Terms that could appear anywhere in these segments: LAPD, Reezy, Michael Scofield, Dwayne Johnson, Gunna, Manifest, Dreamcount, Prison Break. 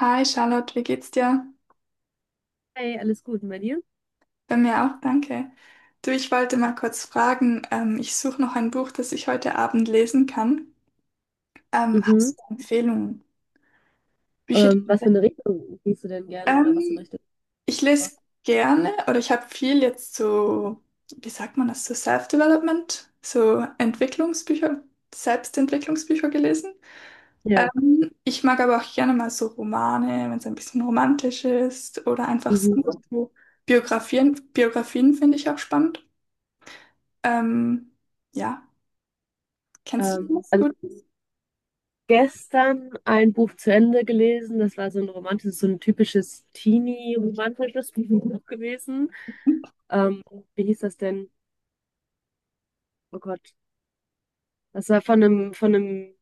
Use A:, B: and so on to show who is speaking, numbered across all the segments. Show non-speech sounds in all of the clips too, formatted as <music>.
A: Hi Charlotte, wie geht's dir?
B: Hey, alles gut, und bei dir?
A: Bei mir auch, danke. Du, ich wollte mal kurz fragen, ich suche noch ein Buch, das ich heute Abend lesen kann.
B: Mhm.
A: Hast du Empfehlungen? Bücher?
B: Was für eine Richtung gehst du denn gerne oder was für eine
A: Ähm,
B: Richtung?
A: ich lese gerne oder ich habe viel jetzt so, wie sagt man das, so Self-Development, so Entwicklungsbücher, Selbstentwicklungsbücher gelesen.
B: Ja.
A: Ich mag aber auch gerne mal so Romane, wenn es ein bisschen romantisch ist oder einfach sonst
B: Mhm.
A: so Biografien. Biografien finde ich auch spannend. Ähm, ja, kennst du das
B: Also ich hab
A: gut?
B: gestern ein Buch zu Ende gelesen. Das war so ein romantisches, so ein typisches Teenie-romantisches <laughs> Buch gewesen. Ähm, Wie hieß das denn? Oh Gott. Das war von einem, von einem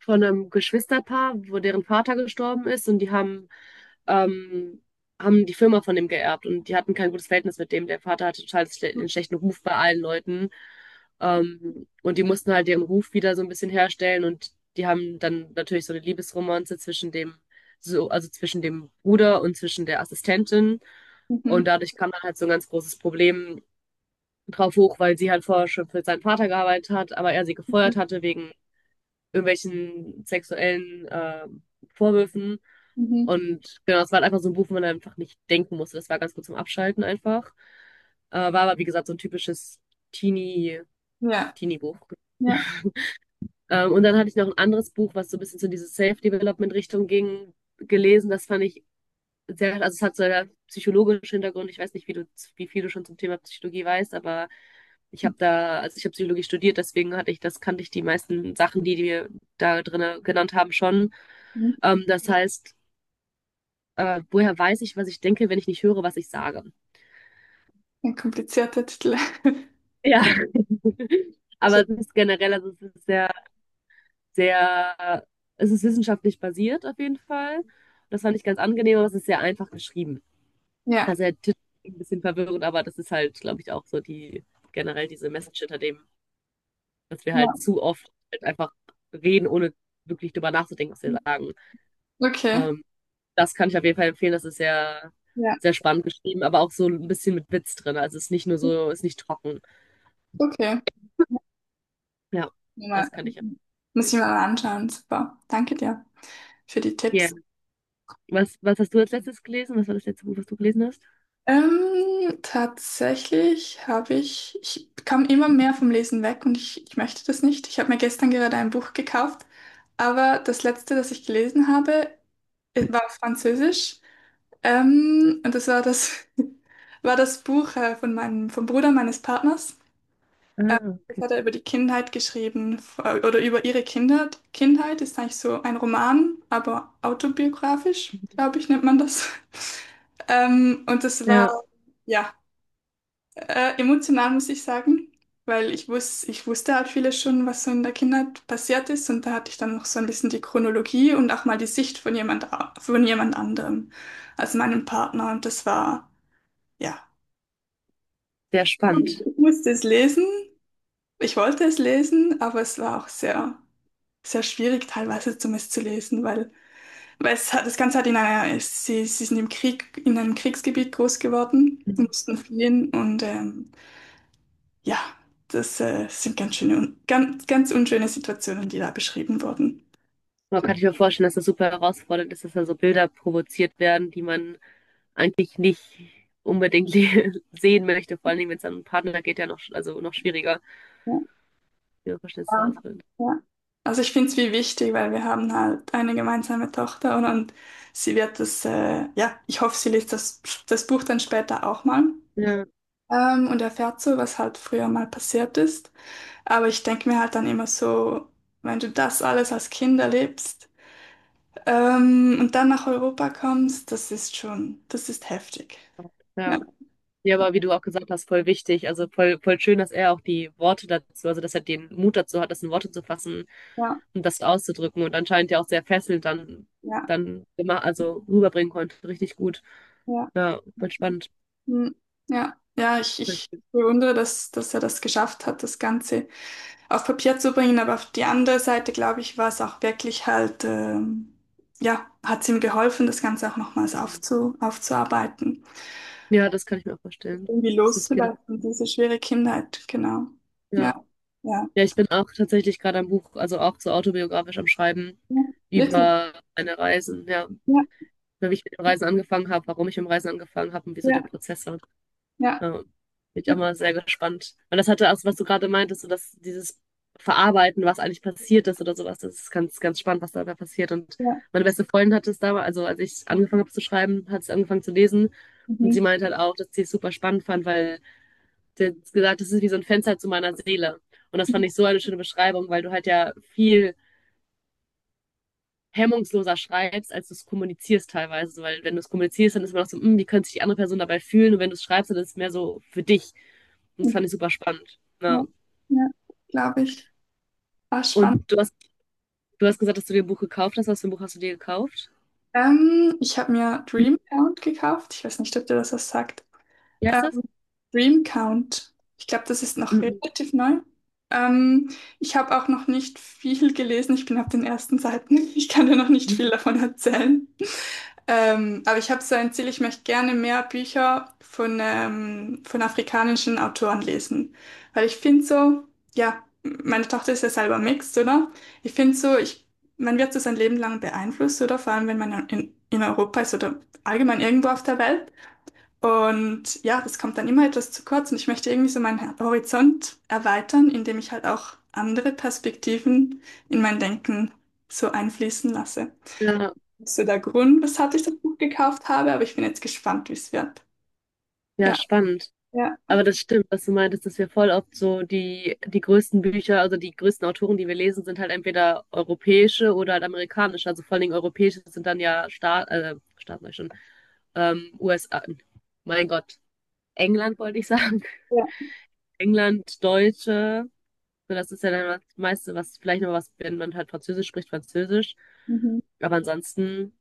B: von einem Geschwisterpaar, wo deren Vater gestorben ist und die haben, ähm, haben die Firma von dem geerbt und die hatten kein gutes Verhältnis mit dem. Der Vater hatte total schle einen schlechten Ruf bei allen Leuten. Und die mussten halt ihren Ruf wieder so ein bisschen herstellen und die haben dann natürlich so eine Liebesromanze zwischen dem, so, also zwischen dem Bruder und zwischen der Assistentin. Und
A: Mhm.
B: dadurch kam dann halt so ein ganz großes Problem drauf hoch, weil sie halt vorher schon für seinen Vater gearbeitet hat, aber er sie gefeuert hatte wegen irgendwelchen sexuellen Vorwürfen.
A: Mhm.
B: Und genau, es war halt einfach so ein Buch, wo man einfach nicht denken musste. Das war ganz gut zum Abschalten einfach. War aber, wie gesagt, so ein typisches Teenie,
A: Ja,
B: Teenie-Buch.
A: ja.
B: Und dann hatte ich noch ein anderes Buch, was so ein bisschen zu diese Self-Development-Richtung ging, gelesen. Das fand ich sehr, also es hat so einen psychologischen Hintergrund. Ich weiß nicht, wie viel du schon zum Thema Psychologie weißt, aber ich habe da, also ich habe Psychologie studiert, deswegen hatte ich, das kannte ich die meisten Sachen, die wir da drin genannt haben, schon.
A: Mhm.
B: Das heißt, woher weiß ich, was ich denke, wenn ich nicht höre, was ich sage?
A: Ein komplizierter Titel. <laughs>
B: Ja. <laughs> Aber es ist generell, also es ist sehr, sehr, es ist wissenschaftlich basiert auf jeden Fall. Das fand ich ganz angenehm, aber es ist sehr einfach geschrieben.
A: Ja,
B: Also der Titel ist ein bisschen verwirrend, aber das ist halt, glaube ich, auch so die generell diese Message hinter dem, dass wir
A: ja.
B: halt zu oft halt einfach reden, ohne wirklich drüber nachzudenken, was wir sagen.
A: Okay.
B: Ähm, Das kann ich auf jeden Fall empfehlen. Das ist sehr,
A: Ja,
B: sehr spannend geschrieben, aber auch so ein bisschen mit Witz drin. Also es ist nicht nur so, es ist nicht trocken.
A: okay.
B: Ja,
A: Muss ich mir mal,
B: das kann ich
A: muss ich mir
B: empfehlen.
A: mal anschauen. Super. Danke dir für die
B: Ja,
A: Tipps.
B: was hast du als letztes gelesen? Was war das letzte Buch, was du gelesen hast?
A: Tatsächlich habe ich, kam immer mehr vom Lesen weg und ich möchte das nicht. Ich habe mir gestern gerade ein Buch gekauft, aber das letzte, das ich gelesen habe, war auf Französisch. Und das war das, <laughs> war das Buch von meinem, vom Bruder meines Partners. Ähm,
B: Ah,
A: das
B: okay.
A: hat er über die Kindheit geschrieben, oder über ihre Kinder. Kindheit ist eigentlich so ein Roman, aber autobiografisch, glaube ich, nennt man das. <laughs> Und das war,
B: Ja,
A: ja, emotional, muss ich sagen, weil ich wusste halt vieles schon, was so in der Kindheit passiert ist. Und da hatte ich dann noch so ein bisschen die Chronologie und auch mal die Sicht von von jemand anderem, also meinem Partner. Und das war. Ja,
B: sehr spannend.
A: ich musste es lesen. Ich wollte es lesen, aber es war auch sehr, sehr schwierig, teilweise zumindest zu lesen, weil es hat, das Ganze hat in einer, sie sind im Krieg, in einem Kriegsgebiet groß geworden, mussten fliehen und ja, das sind ganz schöne, ganz, ganz unschöne Situationen, die da beschrieben wurden.
B: Man kann sich mir vorstellen, dass das super herausfordernd ist, dass da so Bilder provoziert werden, die man eigentlich nicht unbedingt <laughs> sehen möchte, vor allen Dingen, wenn es an einen Partner geht, ja noch, also noch schwieriger, ihre
A: Ja,
B: Verständnisse ausbilden.
A: ja. Also ich finde es wie wichtig, weil wir haben halt eine gemeinsame Tochter und sie wird das, ja, ich hoffe, sie liest das Buch dann später auch mal.
B: Ja,
A: Und erfährt so, was halt früher mal passiert ist. Aber ich denke mir halt dann immer so, wenn du das alles als Kind erlebst, und dann nach Europa kommst, das ist schon, das ist heftig. Ja,
B: ja. Ja,
A: ja,
B: aber wie du auch gesagt hast, voll wichtig. Also voll, voll schön, dass er auch die Worte dazu, also dass er den Mut dazu hat, das in Worte zu fassen
A: ja,
B: und das auszudrücken und anscheinend ja auch sehr fesselnd dann,
A: ja.
B: dann immer, also rüberbringen konnte. Richtig gut.
A: Ja.
B: Ja, voll spannend.
A: Hm, ja, ja, ich bewundere, dass er das geschafft hat, das Ganze auf Papier zu bringen. Aber auf die andere Seite, glaube ich, war es auch wirklich halt, ja, hat es ihm geholfen, das Ganze auch nochmals aufzuarbeiten.
B: Ja, das kann ich mir auch vorstellen.
A: Irgendwie
B: Das ist viele.
A: loszulassen, diese schwere Kindheit, genau.
B: Ja.
A: Ja, ja,
B: Ja, ich bin auch tatsächlich gerade am Buch, also auch so autobiografisch am Schreiben
A: ja, wirklich.
B: über meine Reisen, ja,
A: Ja,
B: wie ich mit den Reisen angefangen habe, warum ich mit dem Reisen angefangen habe und wieso
A: ja,
B: der Prozess war.
A: ja,
B: Ja, bin ich auch mal
A: wirklich.
B: sehr gespannt. Und das hatte auch, was du gerade meintest, so dass dieses Verarbeiten, was eigentlich passiert ist oder sowas, das ist ganz, ganz spannend, was da dabei passiert. Und
A: Ja,
B: meine beste Freundin hat es damals, also als ich angefangen habe zu schreiben, hat es angefangen zu lesen und
A: mhm.
B: sie meinte halt auch, dass sie es super spannend fand, weil der hat gesagt, das ist wie so ein Fenster zu meiner Seele. Und das fand ich so eine schöne Beschreibung, weil du halt ja viel hemmungsloser schreibst, als du es kommunizierst teilweise. Weil wenn du es kommunizierst, dann ist man auch so, hm, wie könnte sich die andere Person dabei fühlen? Und wenn du es schreibst, dann ist es mehr so für dich. Und das
A: Mhm,
B: fand ich super spannend.
A: ja,
B: Ja.
A: ja, glaube ich. Ah, spannend.
B: Und du hast, Du hast gesagt, dass du dir ein Buch gekauft hast. Was für ein Buch hast du dir gekauft?
A: Ich habe mir Dreamcount gekauft. Ich weiß nicht, ob dir das was sagt.
B: Wie heißt das?
A: Ähm, Dreamcount. Ich glaube, das ist noch relativ neu. Ähm, ich habe auch noch nicht viel gelesen. Ich bin auf den ersten Seiten. <laughs> Ich kann dir noch nicht viel davon erzählen. Aber ich habe so ein Ziel, ich möchte gerne mehr Bücher von afrikanischen Autoren lesen. Weil ich finde so, ja, meine Tochter ist ja selber mixed, oder? Ich finde so, ich, man wird so sein Leben lang beeinflusst, oder? Vor allem, wenn man in Europa ist oder allgemein irgendwo auf der Welt. Und ja, das kommt dann immer etwas zu kurz und ich möchte irgendwie so meinen Horizont erweitern, indem ich halt auch andere Perspektiven in mein Denken so einfließen lasse.
B: Ja,
A: Das ist ja der Grund, weshalb ich das Buch gekauft habe, aber ich bin jetzt gespannt, wie es wird.
B: ja
A: Ja,
B: spannend.
A: ja,
B: Aber das stimmt, was du meintest, dass wir voll oft so die größten Bücher, also die größten Autoren, die wir lesen, sind halt entweder europäische oder halt amerikanische. Also vor allen Dingen europäische sind dann ja Staat sag ich schon, USA, mein Gott, England wollte ich sagen. <laughs>
A: ja.
B: England, Deutsche, so das ist ja dann das meiste, was vielleicht noch was, wenn man halt Französisch spricht, Französisch.
A: Mhm.
B: Aber ansonsten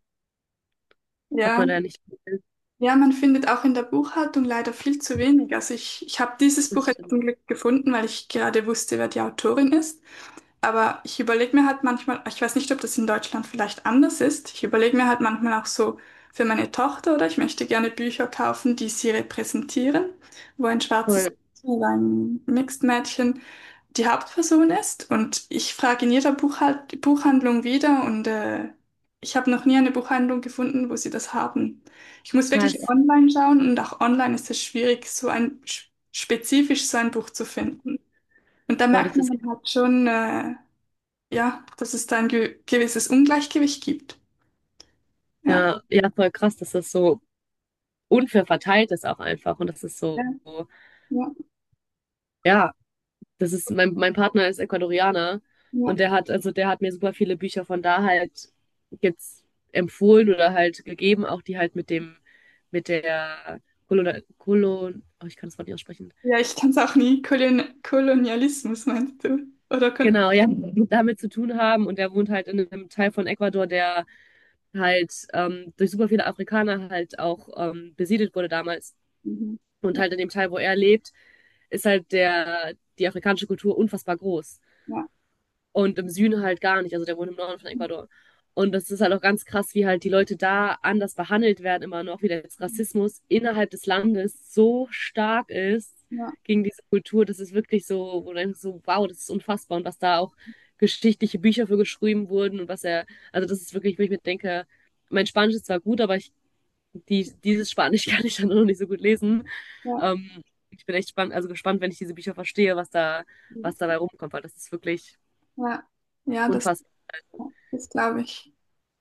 B: hat
A: Ja,
B: man da ja nicht viel.
A: ja, man findet auch in der Buchhaltung leider viel zu wenig. Also ich habe dieses Buch
B: Das
A: jetzt
B: stimmt.
A: zum Glück gefunden, weil ich gerade wusste, wer die Autorin ist. Aber ich überlege mir halt manchmal, ich weiß nicht, ob das in Deutschland vielleicht anders ist. Ich überlege mir halt manchmal auch so für meine Tochter oder ich möchte gerne Bücher kaufen, die sie repräsentieren, wo ein schwarzes
B: Voll
A: oder ein Mixed-Mädchen die Hauptperson ist. Und ich frage in jeder Buchhalt Buchhandlung wieder und ich habe noch nie eine Buchhandlung gefunden, wo sie das haben. Ich muss wirklich
B: krass.
A: online schauen und auch online ist es schwierig, so ein spezifisch so ein Buch zu finden. Und da
B: Boah,
A: merkt
B: das
A: man
B: ist
A: dann halt schon, ja, dass es da ein ge gewisses Ungleichgewicht gibt. Ja,
B: ja, ja voll krass, dass das so unfair verteilt ist auch einfach. Und das ist
A: ja,
B: so,
A: ja,
B: ja, das ist, mein Partner ist Ecuadorianer
A: ja.
B: und der hat, also der hat mir super viele Bücher von da halt jetzt empfohlen oder halt gegeben, auch die halt mit dem, mit der Kolon, oh, ich kann das Wort nicht aussprechen.
A: Ja, ich kann es auch nie. Kolonialismus meinst du? Oder kon
B: Genau, ja, <laughs> damit zu tun haben. Und der wohnt halt in einem Teil von Ecuador, der halt durch super viele Afrikaner halt auch besiedelt wurde damals.
A: mhm.
B: Und
A: Ja,
B: halt in dem Teil, wo er lebt, ist halt die afrikanische Kultur unfassbar groß.
A: ja,
B: Und im Süden halt gar nicht. Also der wohnt im Norden von Ecuador. Und das ist halt auch ganz krass, wie halt die Leute da anders behandelt werden, immer noch, wie der Rassismus innerhalb des Landes so stark ist
A: ja.
B: gegen diese Kultur. Das ist wirklich so, wo du denkst, so, wow, das ist unfassbar. Und was da auch geschichtliche Bücher für geschrieben wurden und was er, also das ist wirklich, wo ich mir denke, mein Spanisch ist zwar gut, aber ich, dieses Spanisch <laughs> kann ich dann noch nicht so gut lesen. Ähm, Ich bin echt spannend, also gespannt, wenn ich diese Bücher verstehe, was da,
A: Ja.
B: was dabei rumkommt, weil das ist wirklich
A: Ja, ja, das,
B: unfassbar.
A: das glaube ich.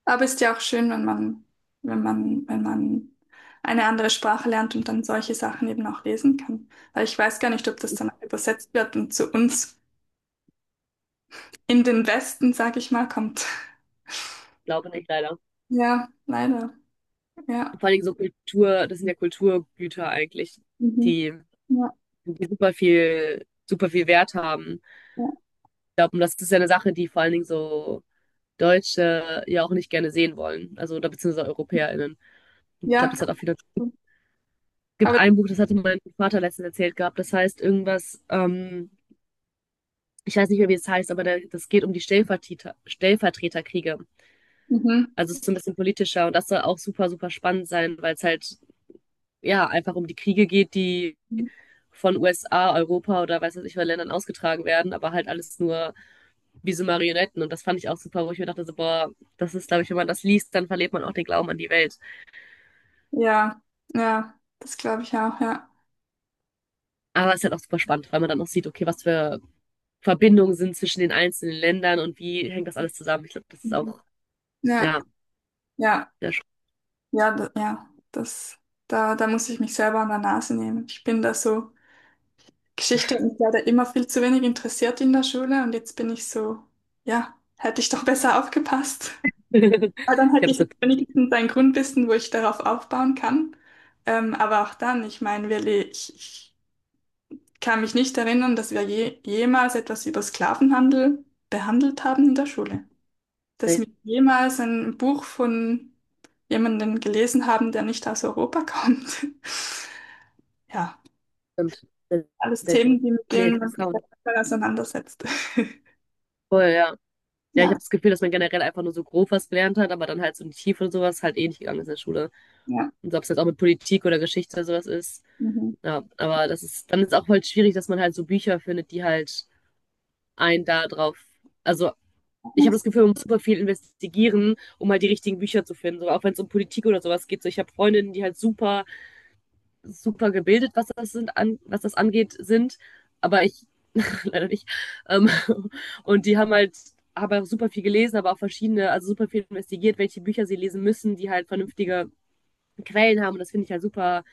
A: Aber ist ja auch schön, wenn man, wenn man, wenn man eine andere Sprache lernt und dann solche Sachen eben auch lesen kann. Weil ich weiß gar nicht, ob das dann übersetzt wird und zu uns in den Westen, sag ich mal, kommt.
B: Ich glaube nicht, leider.
A: Ja, leider. Ja.
B: Vor allem so Kultur, das sind ja Kulturgüter eigentlich,
A: Mhm.
B: die,
A: Ja,
B: die super viel Wert haben.
A: ja.
B: Ich glaube, und das ist ja eine Sache, die vor allen Dingen so Deutsche ja auch nicht gerne sehen wollen. Also, oder beziehungsweise EuropäerInnen. Ich glaube,
A: Ja,
B: das hat auch viele. Es
A: cool. Aber
B: gibt ein Buch, das hatte mein Vater letztens erzählt gehabt, das heißt irgendwas, ich weiß nicht mehr, wie es heißt, aber der, das geht um die Stellvertreterkriege.
A: mhm.
B: Also es ist so ein bisschen politischer und das soll auch super, super spannend sein, weil es halt ja einfach um die Kriege geht, die von USA, Europa oder weiß was ich, von Ländern ausgetragen werden, aber halt alles nur wie so Marionetten. Und das fand ich auch super, wo ich mir dachte, so, boah, das ist, glaube ich, wenn man das liest, dann verliert man auch den Glauben an die Welt.
A: Ja, ja, das glaube ich auch, ja.
B: Aber es ist halt auch super spannend, weil man dann auch sieht, okay, was für Verbindungen sind zwischen den einzelnen Ländern und wie hängt das alles zusammen. Ich glaube, das ist
A: Mhm.
B: auch,
A: Ja,
B: ja,
A: ja.
B: sehr spannend.
A: Ja, da, ja, das, da, da muss ich mich selber an der Nase nehmen. Ich bin da so, Geschichte hat mich leider immer viel zu wenig interessiert in der Schule und jetzt bin ich so, ja, hätte ich doch besser aufgepasst.
B: <laughs> Ich glaube,
A: Weil dann hätte
B: das
A: ich
B: ist eine Politik.
A: wenigstens ein Grundwissen, wo ich darauf aufbauen kann. Aber auch dann, ich meine, ich kann mich nicht erinnern, dass wir jemals etwas über Sklavenhandel behandelt haben in der Schule, dass
B: Nee,
A: wir jemals ein Buch von jemandem gelesen haben, der nicht aus Europa kommt. <laughs> Ja,
B: stimmt.
A: alles Themen,
B: Selten.
A: die, mit
B: Nee,
A: denen man sich
B: kaum.
A: manchmal auseinandersetzt. <laughs>
B: Voll, ja. Ja, ich habe
A: Ja,
B: das Gefühl, dass man generell einfach nur so grob was gelernt hat, aber dann halt so in die Tiefe und sowas halt eh nicht gegangen ist in der Schule.
A: ja.
B: Und so, ob es jetzt auch mit Politik oder Geschichte oder sowas ist.
A: Mhm.
B: Ja, aber das ist, dann ist auch halt schwierig, dass man halt so Bücher findet, die halt einen da drauf. Also, ich habe das Gefühl, man muss super viel investigieren, um halt die richtigen Bücher zu finden. So, auch wenn es um Politik oder sowas geht. So, ich habe Freundinnen, die halt super gebildet, was das sind, an, was das angeht, sind, aber ich <laughs> leider nicht. Ähm, <laughs> und die haben auch super viel gelesen, aber auch verschiedene, also super viel investigiert, welche Bücher sie lesen müssen, die halt vernünftige Quellen haben. Und das finde ich halt super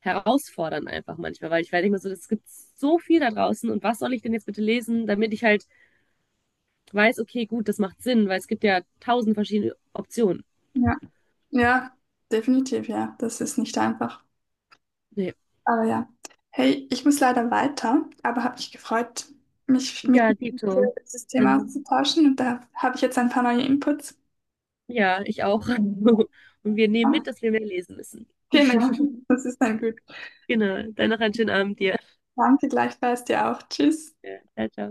B: herausfordernd einfach manchmal, weil ich werde immer so, es gibt so viel da draußen und was soll ich denn jetzt bitte lesen, damit ich halt weiß, okay, gut, das macht Sinn, weil es gibt ja tausend verschiedene Optionen.
A: Ja, ja, definitiv, ja. Das ist nicht einfach.
B: Nee.
A: Aber ja. Hey, ich muss leider weiter, aber habe mich gefreut, mich mit
B: Ja,
A: dir über
B: Dito.
A: dieses Thema
B: Dann
A: auszutauschen und da habe ich jetzt ein paar neue Inputs.
B: ja, ich auch. <laughs> Und wir nehmen
A: Ah,
B: mit, dass wir mehr lesen müssen.
A: genau,
B: <laughs>
A: das ist dann gut.
B: Genau. Dann noch einen schönen Abend dir.
A: Danke gleichfalls dir auch. Tschüss.
B: Ja. Ciao, ciao.